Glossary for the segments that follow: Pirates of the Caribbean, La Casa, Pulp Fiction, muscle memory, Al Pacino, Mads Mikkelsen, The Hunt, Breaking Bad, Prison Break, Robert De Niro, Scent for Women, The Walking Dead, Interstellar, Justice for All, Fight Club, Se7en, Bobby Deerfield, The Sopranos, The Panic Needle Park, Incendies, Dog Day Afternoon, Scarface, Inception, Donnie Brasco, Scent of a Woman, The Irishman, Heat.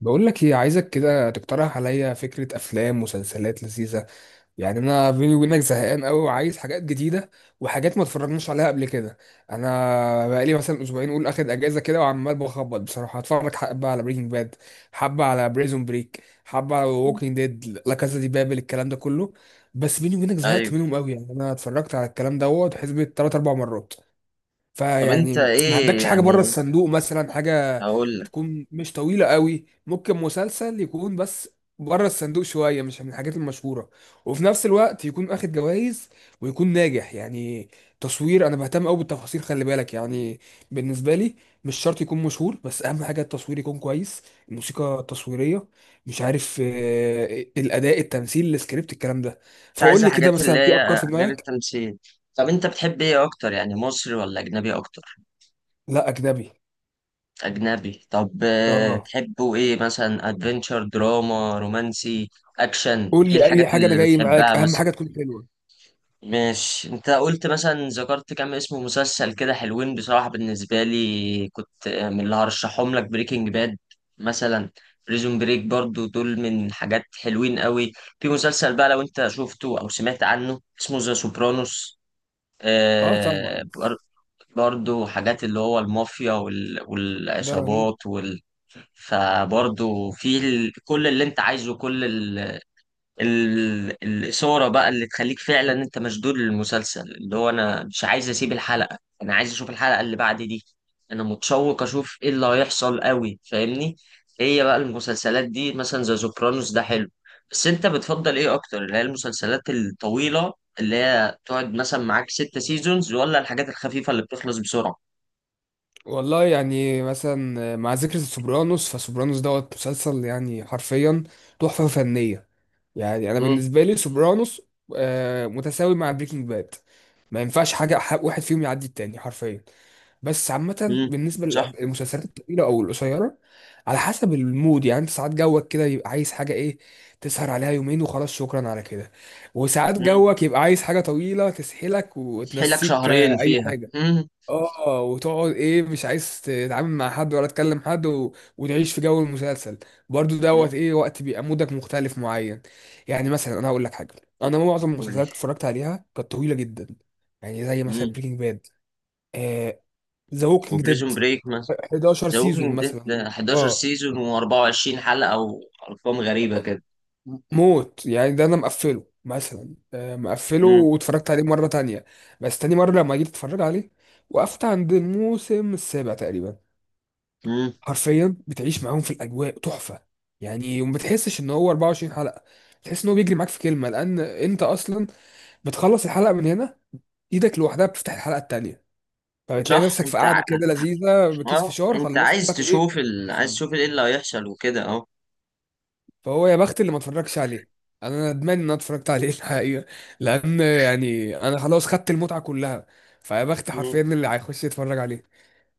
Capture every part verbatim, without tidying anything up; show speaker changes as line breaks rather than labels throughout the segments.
بقول لك ايه، عايزك كده تقترح عليا فكرة افلام مسلسلات لذيذة. يعني انا بيني وبينك زهقان قوي وعايز حاجات جديدة وحاجات ما اتفرجناش عليها قبل كده. انا بقالي مثلا اسبوعين اقول اخد اجازة كده وعمال بخبط. بصراحة هتفرج حبة على بريكنج باد، حبة على بريزون بريك، حبة على ووكينج ديد، لا كازا دي بابل، الكلام ده كله. بس بيني وبينك زهقت
ايوه.
منهم قوي. يعني انا اتفرجت على الكلام دوت حسبة تلاتة اربع مرات.
طب انت
فيعني ما
ايه
عندكش حاجة بره
يعني؟
الصندوق مثلا؟ حاجة
هقول لك.
تكون مش طويلة قوي، ممكن مسلسل يكون بس بره الصندوق شوية، مش من الحاجات المشهورة، وفي نفس الوقت يكون اخد جوائز ويكون ناجح يعني. تصوير، انا بهتم قوي بالتفاصيل، خلي بالك يعني. بالنسبة لي مش شرط يكون مشهور، بس اهم حاجة التصوير يكون كويس، الموسيقى التصويرية، مش عارف، آه، الاداء، التمثيل، السكريبت، الكلام ده.
انت
فقول
عايز
لي كده،
الحاجات اللي
مثلا في افكار
هي
في
غير
دماغك؟
التمثيل؟ طب انت بتحب ايه اكتر، يعني مصري ولا اجنبي اكتر؟
لا، اجنبي.
اجنبي. طب آه،
اه.
تحبه ايه مثلا، ادفنتشر دراما رومانسي اكشن؟
قول
ايه
لي
الحاجات
اي حاجه، انا
اللي
جاي
بتحبها
معاك، اهم
مثلا؟
حاجه تكون حلوه.
ماشي. انت قلت مثلا، ذكرت كام اسم مسلسل كده حلوين بصراحة. بالنسبة لي كنت من اللي هرشحهم لك بريكنج باد مثلا، بريزون بريك برضو، دول من حاجات حلوين قوي. في مسلسل بقى لو انت شفته او سمعت عنه اسمه ذا سوبرانوس.
اه
آه
طبعا.
بر- برضو حاجات اللي هو المافيا وال-
ده رهيب.
والعصابات وال... فبرضو في ال... كل اللي انت عايزه، كل ال- الإثارة بقى اللي تخليك فعلا انت مشدود للمسلسل، اللي هو انا مش عايز اسيب الحلقة، انا عايز اشوف الحلقة اللي بعد دي. انا متشوق اشوف ايه اللي هيحصل قوي، فاهمني؟ هي بقى المسلسلات دي مثلا زي سوبرانوس ده حلو. بس انت بتفضل ايه اكتر، اللي هي المسلسلات الطويلة اللي هي تقعد مثلا معاك ست سيزونز، ولا الحاجات الخفيفة اللي بتخلص بسرعة؟
والله يعني مثلا مع ذكر سوبرانوس، فسوبرانوس دوت مسلسل يعني حرفيا تحفه فنيه. يعني انا
مم.
بالنسبه لي سوبرانوس آه متساوي مع بريكنج باد. ما ينفعش حاجه ح- واحد فيهم يعدي التاني حرفيا. بس عامة
امم
بالنسبة
صح.
للمسلسلات الطويلة أو القصيرة على حسب المود يعني. أنت ساعات جوك كده يبقى عايز حاجة إيه، تسهر عليها يومين وخلاص شكرا على كده. وساعات
امم
جوك يبقى عايز حاجة طويلة تسحلك
تحيلك
وتنسيك،
شهرين
آه، أي
فيها.
حاجة.
امم
آه وتقعد إيه، مش عايز تتعامل مع حد ولا تكلم حد و... وتعيش في جو المسلسل. برضو
امم
دوت إيه، وقت بيبقى مودك مختلف معين. يعني مثلا أنا هقول لك حاجة، أنا معظم
قول
المسلسلات
لي.
اللي اتفرجت عليها كانت طويلة جدا. يعني زي
امم
مثلا بريكنج باد، ذا ووكينج ديد،
وبريزون بريك،
11
ذا
سيزون
ووكينج ديد
مثلا.
حداشر
اه
سيزون و24 حلقة او ارقام غريبة كده.
موت يعني، ده انا مقفله مثلا، آه، مقفله
امم
واتفرجت عليه مره تانية. بس تاني مره لما جيت اتفرج عليه وقفت عند الموسم السابع تقريبا.
امم
حرفيا بتعيش معاهم في الاجواء، تحفه يعني. وما بتحسش ان هو اربعة وعشرين حلقة حلقه، تحس ان هو بيجري معاك في كلمه، لان انت اصلا بتخلص الحلقه من هنا، ايدك لوحدها بتفتح الحلقه التانية. فبتلاقي
صح.
نفسك في
انت ع...
قاعده كده لذيذه بكيس
اه،
فشار،
انت
خلصت
عايز
لك ايه.
تشوف ال... عايز تشوف ايه اللي هيحصل وكده اهو.
فهو يا بخت اللي ما اتفرجش عليه. يعني انا ندمان ان انا اتفرجت عليه الحقيقه، لان يعني انا خلاص خدت المتعه كلها. فيا بخت حرفيا
مم.
اللي هيخش يتفرج عليه.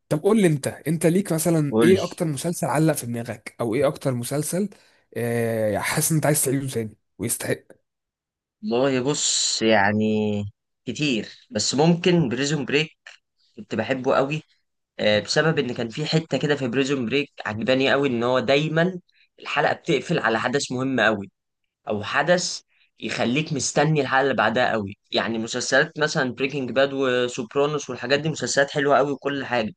طب قول لي انت انت ليك مثلا
قول.
ايه اكتر مسلسل علق في دماغك، او ايه اكتر مسلسل آه، حاسس ان انت عايز تعيده تاني ويستحق.
والله بص يعني كتير، بس ممكن بريزون بريك كنت بحبه قوي، آه، بسبب ان كان في حتة كده في بريزون بريك عجباني قوي ان هو دايما الحلقة بتقفل على حدث مهم قوي، او حدث يخليك مستني الحلقه اللي بعدها قوي. يعني مسلسلات مثلا بريكنج باد وسوبرانوس والحاجات دي مسلسلات حلوه قوي وكل حاجه،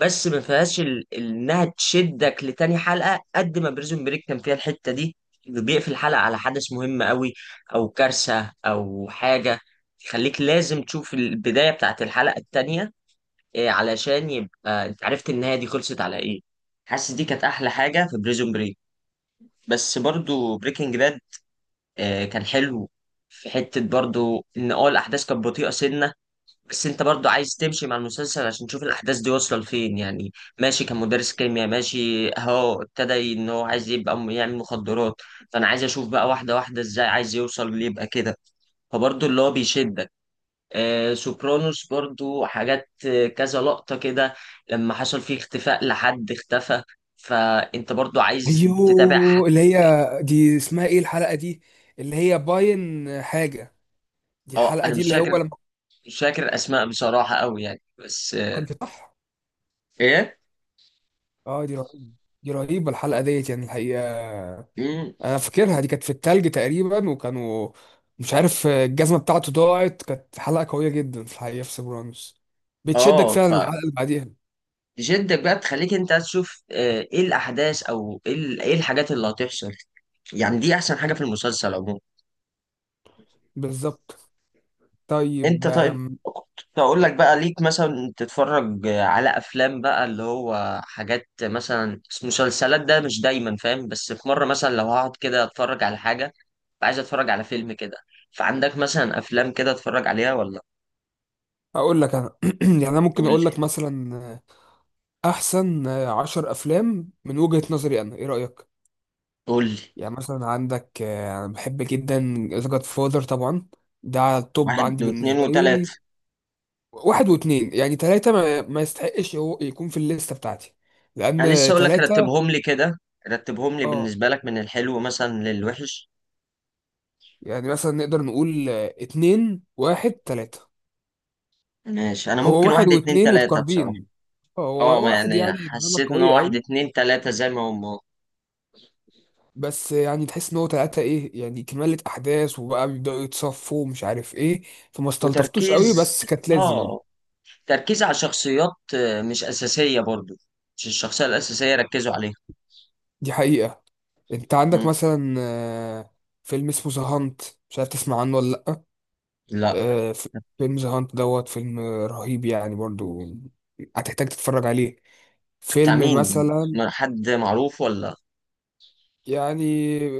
بس ما فيهاش ال- ال- انها تشدك لتاني حلقه قد ما بريزون بريك كان فيها الحته دي، اللي بيقفل الحلقه على حدث مهم قوي او كارثه او حاجه، يخليك لازم تشوف البدايه بتاعت الحلقه التانيه، إيه، علشان يبقى انت عرفت النهايه دي خلصت على ايه. حاسس دي كانت احلى حاجه في بريزون بريك. بس برضو بريكنج باد آه، كان حلو. في حتة برضو إن اه الأحداث كانت بطيئة سنة، بس أنت برضو عايز تمشي مع المسلسل عشان تشوف الأحداث دي واصلة لفين يعني. ماشي، كان مدرس كيمياء ماشي أهو، ابتدى إن هو عايز يبقى م- يعمل مخدرات. فأنا عايز أشوف بقى واحدة واحدة إزاي عايز يوصل ليبقى كده. فبرضو اللي هو بيشدك. آه سوبرانوس برضو حاجات، آه، كذا لقطة كده لما حصل فيه اختفاء لحد اختفى، فأنت برضو عايز تتابع ح-
ايوه، اللي هي دي اسمها ايه الحلقه دي؟ اللي هي باين حاجه، دي
اه
الحلقه
انا
دي
مش
اللي
فاكر.
هو لما
مش فاكر اسماء بصراحه قوي يعني، بس
كان
آه،
في، صح.
ايه.
اه دي رهيبه، دي رهيبه الحلقه ديت يعني الحقيقه.
مم.
انا فاكرها دي كانت في التلج تقريبا، وكانوا مش عارف الجزمه بتاعته ضاعت. كانت حلقه قويه جدا في الحقيقه في سيبرانوس. بتشدك
اه.
فعلا الحلقه اللي بعديها.
فجدك بقى تخليك انت تشوف، آه، ايه الاحداث او ايه ال- إيه الحاجات اللي هتحصل. يعني دي احسن حاجه في المسلسل عموما.
بالظبط.
انت
طيب
طيب
آم،
كنت اقول لك بقى، ليك مثلا تتفرج على افلام بقى اللي هو حاجات مثلا، مسلسلات ده مش دايما فاهم، بس في مره مثلا لو هقعد كده اتفرج على حاجه، عايز اتفرج على فيلم كده، فعندك مثلا افلام كده اتفرج عليها ولا؟
اقول لك انا. يعني انا ممكن
قول لي.
اقول لك مثلا، آه، احسن آه، عشر افلام من وجهه نظري انا، ايه رايك؟
قول لي.
يعني مثلا عندك، آه، انا بحب جدا ذا جاد فاذر طبعا. ده على التوب
واحد
عندي
واثنين
بالنسبه لي.
وثلاثه.
واحد واتنين، يعني تلاته ما, ما يستحقش هو يكون في الليسته بتاعتي
انا لسه
لان
اقول لك،
تلاتة.
رتبهم لي كده، رتبهم لي
اه
بالنسبه لك من الحلو مثلا للوحش.
يعني مثلا نقدر نقول آه، اتنين واحد تلاتة.
ماشي. انا
هو
ممكن
واحد
واحد اتنين
واتنين
تلاته بصراحه.
متقاربين، آه،
اه،
هو
ما
واحد
يعني
يعني نمر
حسيت ان
قوية
هو واحد
قوي.
اتنين تلاته زي ما هم.
بس يعني تحس ان هو تلاتة ايه، يعني كمالة احداث وبقى بيبدأوا يتصفوا ومش عارف ايه. فما استلطفتوش قوي
وتركيز.
بس كانت لازم.
اه، تركيز على شخصيات، آه، مش اساسيه برضو، مش الشخصيه الاساسيه ركزوا عليها.
دي حقيقة. انت عندك
مم.
مثلا، آه، فيلم اسمه ذا هانت، مش عارف تسمع عنه ولا لأ.
لا.
آه، ف- فيلم ذا هانت دوت فيلم رهيب يعني برضو، هتحتاج تتفرج عليه.
بتاع
فيلم
مين،
مثلا،
ما- حد معروف ولا؟
يعني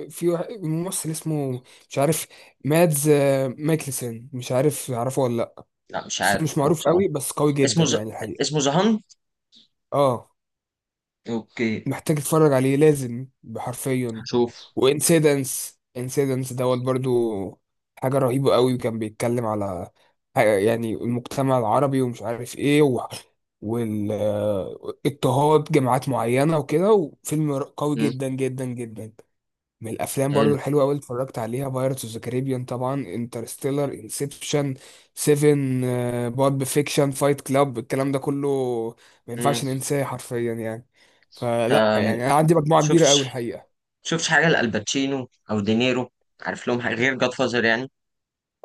في واحد ممثل اسمه مش عارف، مادز آه، مايكلسن، مش عارف تعرفه ولا لا.
لا مش
بس هو مش
عارف هو
معروف
بصراحه.
قوي، بس قوي جدا
اسمه ز...
يعني الحقيقة.
اسمه زهان.
اه
اوكي.
محتاج تتفرج عليه لازم بحرفيا.
هشوف.
وانسيدنس، انسيدنس دوت برضو حاجة رهيبة قوي. كان بيتكلم على حاجة- يعني المجتمع العربي ومش عارف ايه و... والاضطهاد جماعات معينة وكده، وفيلم قوي
مم.
جدا جدا جدا. من الافلام برضو
حلو.
الحلوه قوي اتفرجت عليها بايرتس اوف ذا كاريبيان طبعا، انترستيلر، انسبشن، سيفن، بولب فيكشن، فايت كلاب، الكلام ده كله ما
مم.
ينفعش ننساه حرفيا يعني. فلا
انت
يعني انا عندي مجموعه
شفت
كبيره قوي الحقيقه.
شفتش حاجة لألباتشينو أو دينيرو؟ عارف لهم حاجة غير جاد فازر يعني؟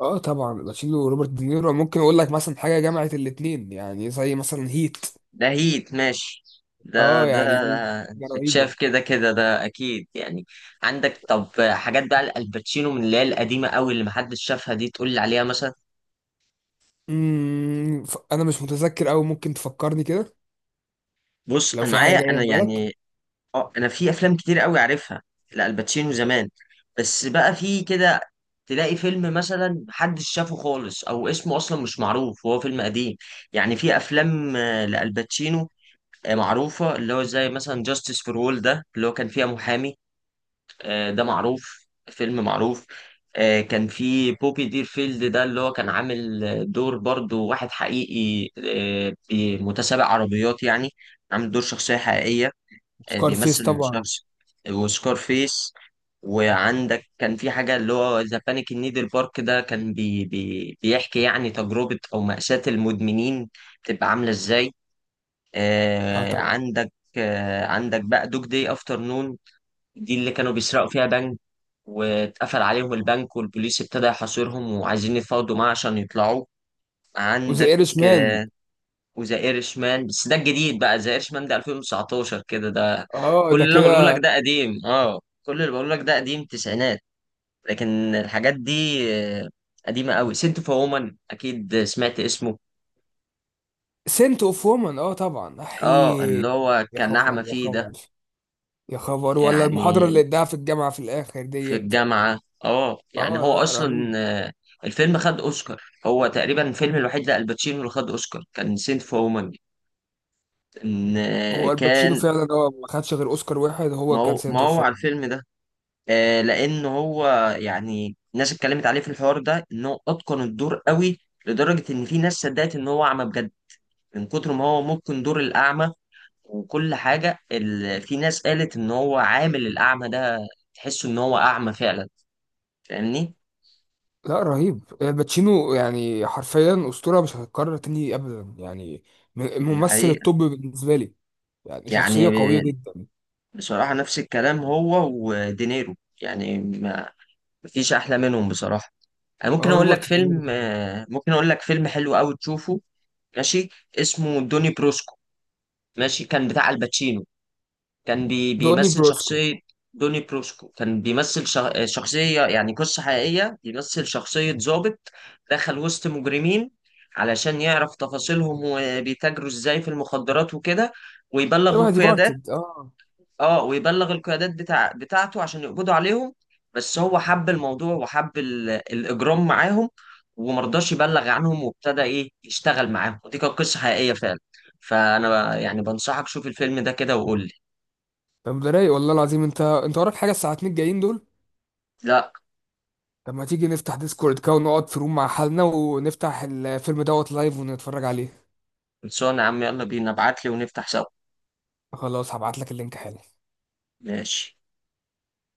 اه طبعا، باتشينو وروبرت دينيرو ممكن اقول لك مثلا حاجه جمعت الاتنين، يعني زي مثلا هيت.
ده هيت ماشي، ده
اه
ده
يعني هيت دي حاجه رهيبه.
بتشاف كده كده، ده أكيد يعني. عندك طب حاجات بقى لألباتشينو من اللي هي القديمة أوي اللي محدش شافها دي تقول لي عليها مثلا؟
امم ف- انا مش متذكر قوي، ممكن تفكرني كده
بص
لو
أنا
في حاجه
معايا،
جايه
أنا
في بالك.
يعني، أه أنا في أفلام كتير أوي عارفها لألباتشينو زمان. بس بقى في كده، تلاقي فيلم مثلا محدش شافه خالص أو اسمه أصلا مش معروف وهو فيلم قديم. يعني في أفلام آه، لألباتشينو، آه، معروفة، اللي هو زي مثلا جاستس فور وول، ده اللي هو كان فيها محامي، آه، ده معروف، فيلم معروف. آه، كان في بوبي ديرفيلد، ده اللي هو كان عامل آه، دور برضو واحد حقيقي، آه، بي- متسابق عربيات يعني، عامل دور شخصية حقيقية. آه،
سكار فيس
بيمثل
طبعا.
شخص. وسكار فيس. وعندك كان في حاجة اللي هو ذا بانيك نيدل بارك، ده كان بي بي بيحكي يعني تجربة أو مأساة المدمنين بتبقى عاملة إزاي.
اه
آه،
طبعا.
عندك آه، عندك بقى دوج داي افتر نون، دي اللي كانوا بيسرقوا فيها بنك، واتقفل عليهم البنك والبوليس ابتدى يحاصرهم وعايزين يتفاوضوا معاه عشان يطلعوا.
وذا
عندك
ايرش مان.
آه، وذا ايرشمان، بس ده الجديد بقى، ذا ايرشمان ده الفين وتسعتاشر كده ده.
اه
كل
ده
اللي انا بقوله لك
كده.
ده قديم. اه، كل اللي بقوله لك ده قديم، تسعينات. لكن الحاجات دي آه، قديمة قوي. سنت فور وومن، اكيد سمعت اسمه.
سنت اوف وومن، اه طبعا،
اه اللي
احي.
هو
يا
كان
خبر،
نعمة
يا
فيه ده.
خبر، يا خبر، ولا المحاضرة اللي
يعني
اداها في الجامعة في الآخر
في
ديت.
الجامعة. اه يعني
اه
هو
لا
أصلا
رهيب.
آه، الفيلم خد أوسكار، هو تقريبا الفيلم الوحيد لألباتشينو اللي خد أوسكار كان سنت فور وومن. إن آه،
هو الباتشينو
كان.
فعلا هو ما خدش غير اوسكار واحد،
ما
هو كان
هو ما
سنت اوف
هو على
وومن.
الفيلم ده. آه، لأن هو يعني الناس اتكلمت عليه في الحوار ده إن هو أتقن الدور قوي، لدرجة إن في ناس صدقت إن هو أعمى بجد من كتر ما هو ممكن دور الأعمى، وكل حاجة ال... في ناس قالت إن هو عامل الأعمى ده تحسه إن هو أعمى فعلا. فاهمني؟
لا رهيب، الباتشينو يعني حرفيا أسطورة مش هتتكرر تاني أبدا يعني. م-
دي
الممثل
حقيقة.
التوب بالنسبة لي. يعني
يعني
شخصية قوية جدا.
بصراحة نفس الكلام هو ودينيرو. يعني ما، مفيش أحلى منهم بصراحة. أنا ممكن
اه
أقول لك
روبرت دينيرو
فيلم،
كمان.
آه، ممكن أقول لك فيلم حلو أوي تشوفه. ماشي. اسمه دوني بروسكو. ماشي، كان بتاع الباتشينو، كان بي
دوني
بيمثل
بروسكو.
شخصية. دوني بروسكو كان بيمثل شخ- آه، شخصية، يعني قصة حقيقية، بيمثل شخصية ضابط دخل وسط مجرمين علشان يعرف تفاصيلهم وبيتاجروا إزاي في المخدرات وكده، ويبلغ
شبه دي
القيادات.
بارتد، اه.
اه ويبلغ القيادات بتاع بتاعته عشان يقبضوا عليهم. بس هو حب الموضوع وحب ال- الاجرام معاهم، ومرضاش يبلغ عنهم، وابتدى ايه يشتغل معاهم. ودي كانت قصه حقيقيه فعلا. فانا يعني بنصحك شوف الفيلم ده كده وقول لي.
طب ده رايق والله العظيم، انت انت وراك حاجة الساعتين الجايين دول؟
لا.
طب ما تيجي نفتح ديسكورد كده ونقعد في روم مع حالنا ونفتح الفيلم دوت لايف ونتفرج عليه.
خلصانه يا عم، يلا بينا، ابعت لي ونفتح سوا.
خلاص هبعت لك اللينك حالا.
ماشي.